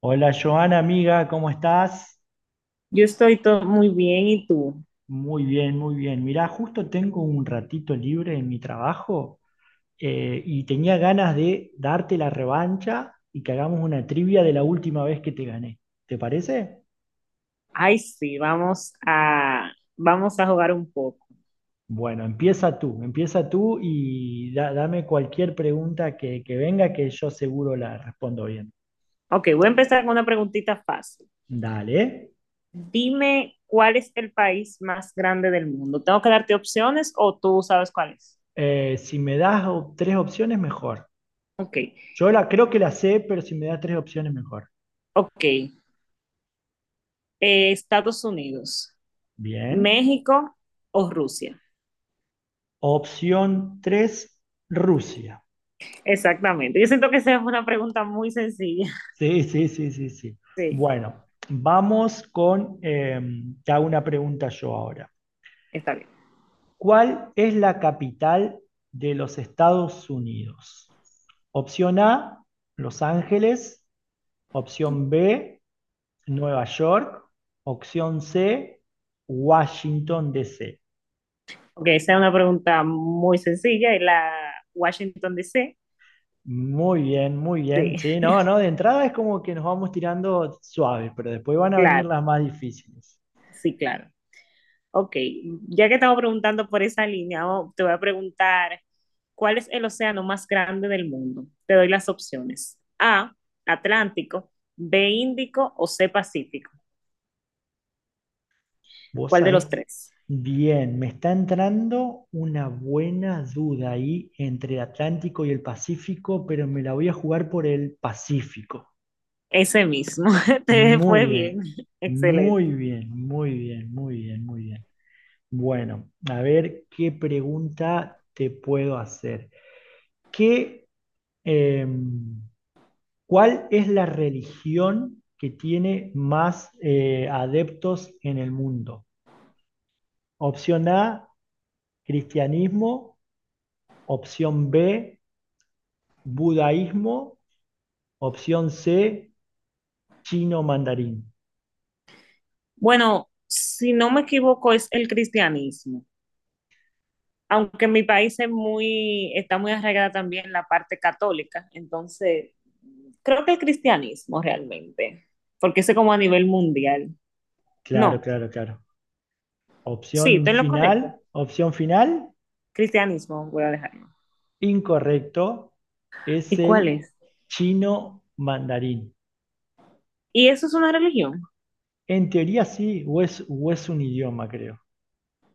Hola Joana, amiga, ¿cómo estás? Yo estoy todo muy bien, ¿y tú? Muy bien, muy bien. Mirá, justo tengo un ratito libre en mi trabajo, y tenía ganas de darte la revancha y que hagamos una trivia de la última vez que te gané. ¿Te parece? Ay, sí, vamos a jugar un poco. Bueno, empieza tú y dame cualquier pregunta que venga que yo seguro la respondo bien. Ok, voy a empezar con una preguntita fácil. Dale. Dime cuál es el país más grande del mundo. ¿Tengo que darte opciones o tú sabes cuál es? Si me das tres opciones, mejor. Ok, Yo la, creo que la sé, pero si me das tres opciones, mejor. ok. Estados Unidos, Bien. México o Rusia. Opción 3, Rusia. Exactamente. Yo siento que esa es una pregunta muy sencilla. Sí, sí, sí, sí, sí. Sí, Bueno, vamos con, te hago una pregunta yo ahora. está bien. ¿Cuál es la capital de los Estados Unidos? Opción A, Los Ángeles. Opción B, Nueva York. Opción C, Washington, D. C. Ok, esa es una pregunta muy sencilla. Y la Washington D. C. Muy bien, muy bien. Sí, Sí, no, no, de entrada es como que nos vamos tirando suaves, pero después van a venir claro, las más difíciles. sí, claro. Ok, ya que estaba preguntando por esa línea, oh, te voy a preguntar, ¿cuál es el océano más grande del mundo? Te doy las opciones. A, Atlántico, B, Índico o C, Pacífico. Vos ¿Cuál de sabés, los tres? bien, me está entrando una buena duda ahí entre el Atlántico y el Pacífico, pero me la voy a jugar por el Pacífico. Ese mismo. Te Muy fue bien. bien, Excelente. muy bien, muy bien, muy bien, muy bien. Bueno, a ver qué pregunta te puedo hacer. ¿Qué, em, cuál es la religión que tiene más adeptos en el mundo? Opción A, cristianismo. Opción B, budaísmo. Opción C, chino mandarín. Bueno, si no me equivoco, es el cristianismo. Aunque en mi país está muy arraigada también la parte católica, entonces creo que el cristianismo realmente, porque ese como a nivel mundial. Claro, No, claro, claro. sí, estoy en lo correcto. Opción final, Cristianismo, voy a dejarlo. incorrecto, es ¿Y cuál el es? chino mandarín. ¿Y eso es una religión? En teoría sí, o es un idioma, creo.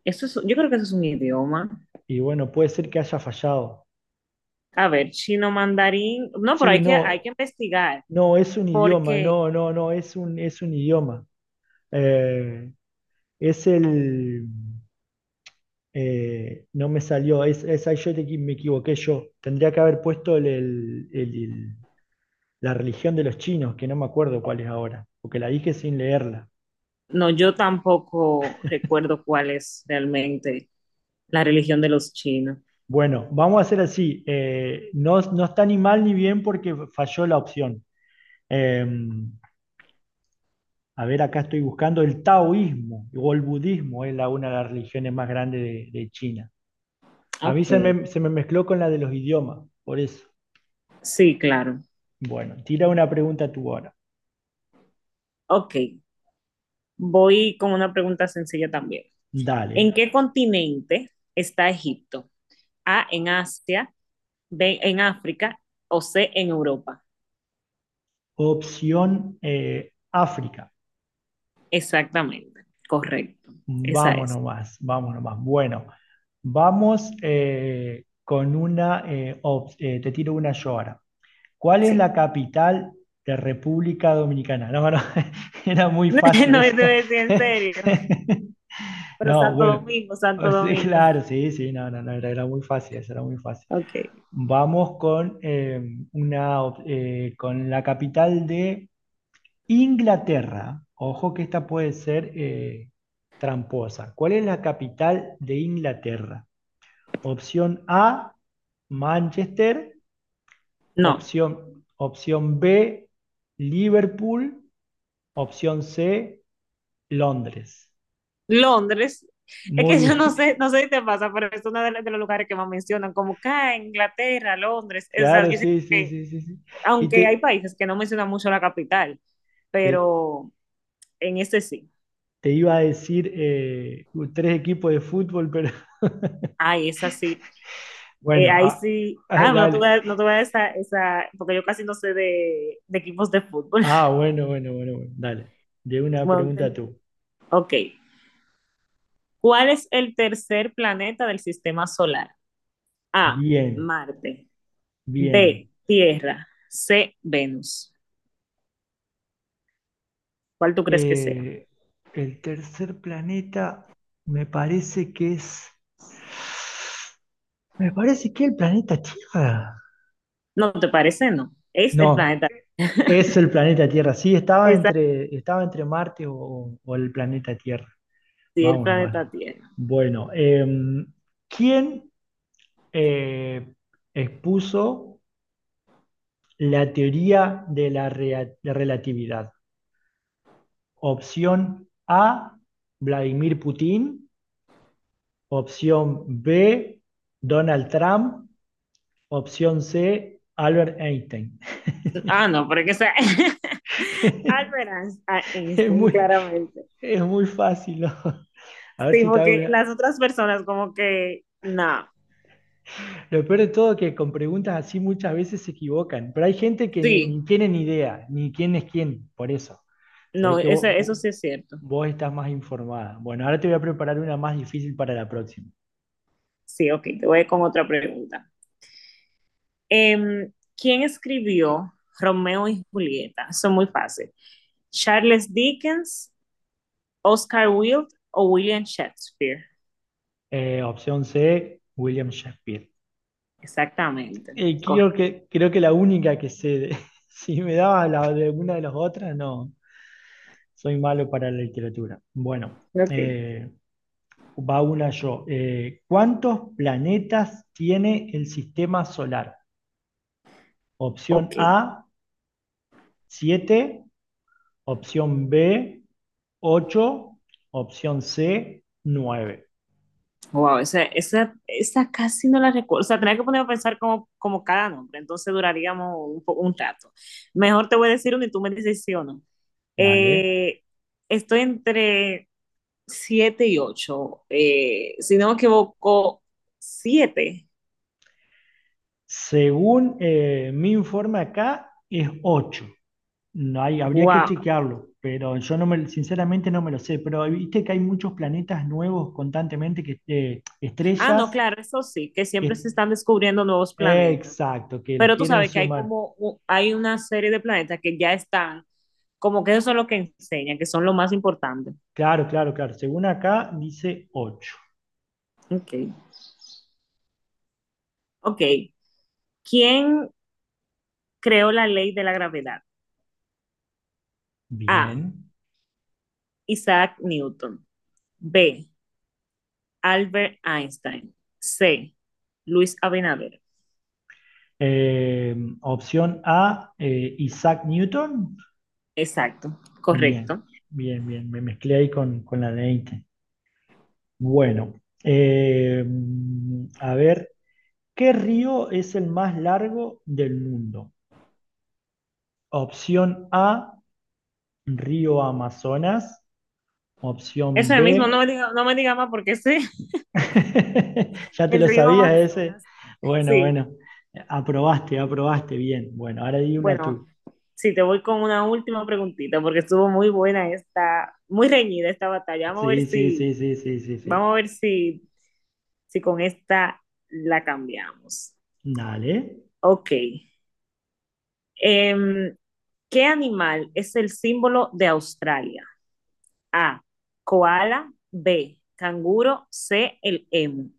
Yo creo que eso es un idioma. Y bueno, puede ser que haya fallado. A ver, chino mandarín. No, pero Sí, hay que, hay no, que investigar no, es un idioma, porque no, no, no, es un idioma. Eh, es el... No me salió, es ahí yo me equivoqué yo. Tendría que haber puesto la religión de los chinos, que no me acuerdo cuál es ahora, porque la dije sin leerla. no, yo tampoco recuerdo cuál es realmente la religión de los chinos. Bueno, vamos a hacer así. No, no está ni mal ni bien porque falló la opción. Eh, a ver, acá estoy buscando el taoísmo o el budismo, es la, una de las religiones más grandes de China. A mí Ok, se me mezcló con la de los idiomas, por eso. sí, claro. Bueno, tira una pregunta tú ahora. Ok, voy con una pregunta sencilla también. ¿En Dale. qué continente está Egipto? A, en Asia, B, en África o C, en Europa. Opción África. Exactamente, correcto. Esa Vamos es, nomás, vamos nomás. Bueno, vamos con una, te tiro una yo ahora. ¿Cuál es sí. la capital de República Dominicana? No, no, era muy fácil No, eso esa. decir en serio, pero No, Santo bueno, Domingo, oh, Santo sí, Domingo. claro, sí, sí, no, no, no, era, era muy fácil, esa era muy fácil. Ok, Vamos con, una, con la capital de Inglaterra, ojo que esta puede ser tramposa. ¿Cuál es la capital de Inglaterra? Opción A, Manchester. no. Opción, opción B, Liverpool. Opción C, Londres. Londres, es Muy que yo no bien. sé, no sé si te pasa, pero es de los lugares que más mencionan, como acá, Inglaterra, Londres. O sea, Claro, yo sé sí, sí, que, sí, sí, sí. Y aunque hay países que no mencionan mucho la capital, te- pero en este sí. te iba a decir tres equipos de fútbol, pero Ay, esa sí. Bueno, Ahí ah, sí. ah, Ah, no dale. tuve, no tuve esa, porque yo casi no sé de equipos de fútbol. Ah, bueno, bueno, bueno, bueno. Dale. De una Bueno, pregunta ten- tú. Ok. ¿Cuál es el tercer planeta del sistema solar? A, Bien, Marte. bien. B, Tierra. C, Venus. ¿Cuál tú crees que sea? Eh, el tercer planeta me parece que es... Me parece que es el planeta Tierra. ¿No te parece? No. Es el No, planeta. es el planeta Tierra. Sí, Esa, estaba entre Marte o el planeta Tierra. sí, el Vámonos, bueno. planeta Tierra. Bueno, ¿quién, eh, expuso la teoría de la de relatividad? Opción A, Vladimir Putin. Opción B, Donald Trump. Opción C, Albert Einstein. Ah, no, porque sea. Albert Einstein, a Es Einstein, muy, claramente. es muy fácil, ¿no? A ver Sí, si te hago porque una. las otras personas, como que no. Lo peor de todo es que con preguntas así muchas veces se equivocan, pero hay gente que ni, Sí. ni tiene ni idea, ni quién es quién, por eso. Se ve No, que eso, vos, eso vos- sí es cierto. vos estás más informada. Bueno, ahora te voy a preparar una más difícil para la próxima. Sí, ok, te voy con otra pregunta. Em, ¿Quién escribió Romeo y Julieta? Son muy fácil. Charles Dickens, Oscar Wilde o William Shakespeare. Opción C, William Shakespeare. Exactamente. Correcto. Creo que la única que sé, si me dabas la de alguna de las otras, no, soy malo para la literatura. Bueno, Ok. eh, va una yo. ¿Cuántos planetas tiene el sistema solar? Opción Ok. A, siete, opción B, ocho, opción C, nueve. Wow, esa casi no la recuerdo. O sea, tenía que ponerme a pensar como cada nombre, entonces duraríamos un rato. Mejor te voy a decir uno y tú me dices sí o no. Dale. Eh, Estoy entre 7 y ocho. Si no me equivoco, 7. Según mi informe acá, es ocho. No hay, habría que Wow. chequearlo, pero yo no me, sinceramente no me lo sé. Pero viste que hay muchos planetas nuevos constantemente, que Ah, no, estrellas, claro, eso sí, que siempre se que- están descubriendo nuevos planetas. exacto, que los Pero tú quieren sabes que sumar. Hay una serie de planetas que ya están, como que eso es lo que enseña, que son lo más importante. Claro, claro, claro. Según acá dice ocho. Ok. Ok. ¿Quién creó la ley de la gravedad? A. Bien. Isaac Newton. B. Albert Einstein. C. Luis Abinader. Eh, opción A, Isaac Newton. Exacto, Bien, correcto. bien, bien. Me mezclé ahí con la de Einstein. Bueno, eh, a ver, ¿qué río es el más largo del mundo? Opción A, río Amazonas. Eso Opción es el mismo, no B, me diga, no me diga más porque sí. ya te El lo río sabías ese. Amazonas. Bueno, Sí. bueno, aprobaste, aprobaste, bien. Bueno, ahora di una tú. Bueno, sí, te voy con una última preguntita porque estuvo muy buena esta, muy reñida esta batalla. Vamos a ver Sí, sí, sí, si, sí, sí, sí, sí. vamos a ver si, si con esta la cambiamos. Dale. Ok. Em, ¿Qué animal es el símbolo de Australia? A, koala, B, canguro, C, el emu.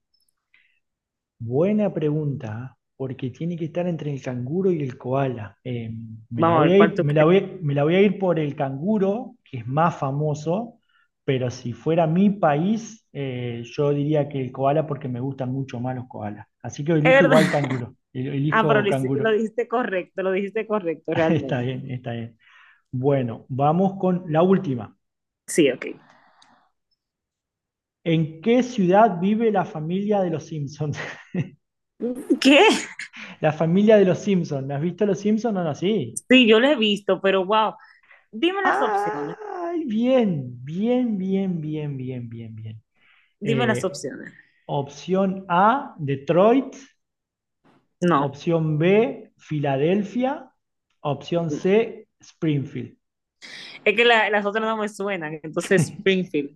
Buena pregunta, porque tiene que estar entre el canguro y el koala. Vamos a ver cuál tú crees. Me la voy a ir por el canguro, que es más famoso, pero si fuera mi país, yo diría que el koala porque me gustan mucho más los koalas. Así que Es elijo verdad. igual canguro, Ah, pero elijo canguro. Lo dijiste correcto Está realmente. bien, está bien. Bueno, vamos con la última. Sí, ok. ¿En qué ciudad vive la familia de los Simpsons? ¿Qué? La familia de los Simpsons. ¿Has visto los Simpsons o no? Sí. Sí, yo lo he visto, pero wow, dime las opciones. Ay, bien, bien, bien, bien, bien, bien, bien. Dime las Eh, opciones. opción A, Detroit. No. Opción B, Filadelfia. Opción C, Springfield. Es que las otras no me suenan. Entonces, Springfield.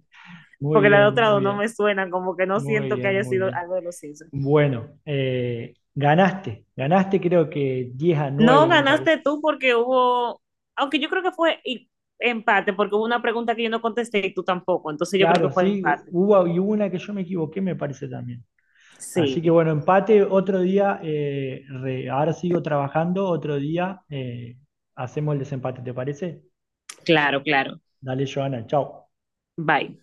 Muy Porque las bien, otras muy dos no bien, me suenan. Como que no muy siento que bien, haya muy sido bien. algo de los Simpsons. Bueno, ganaste, ganaste creo que 10-9 No me parece. ganaste tú porque hubo. Aunque yo creo que fue empate. Porque hubo una pregunta que yo no contesté y tú tampoco. Entonces, yo creo Claro, que fue sí, empate. hubo, y hubo una que yo me equivoqué me parece también. Así que Sí. bueno, empate, otro día, ahora sigo trabajando, otro día, hacemos el desempate, ¿te parece? Claro, claro. Dale, Joana, chao. Bye.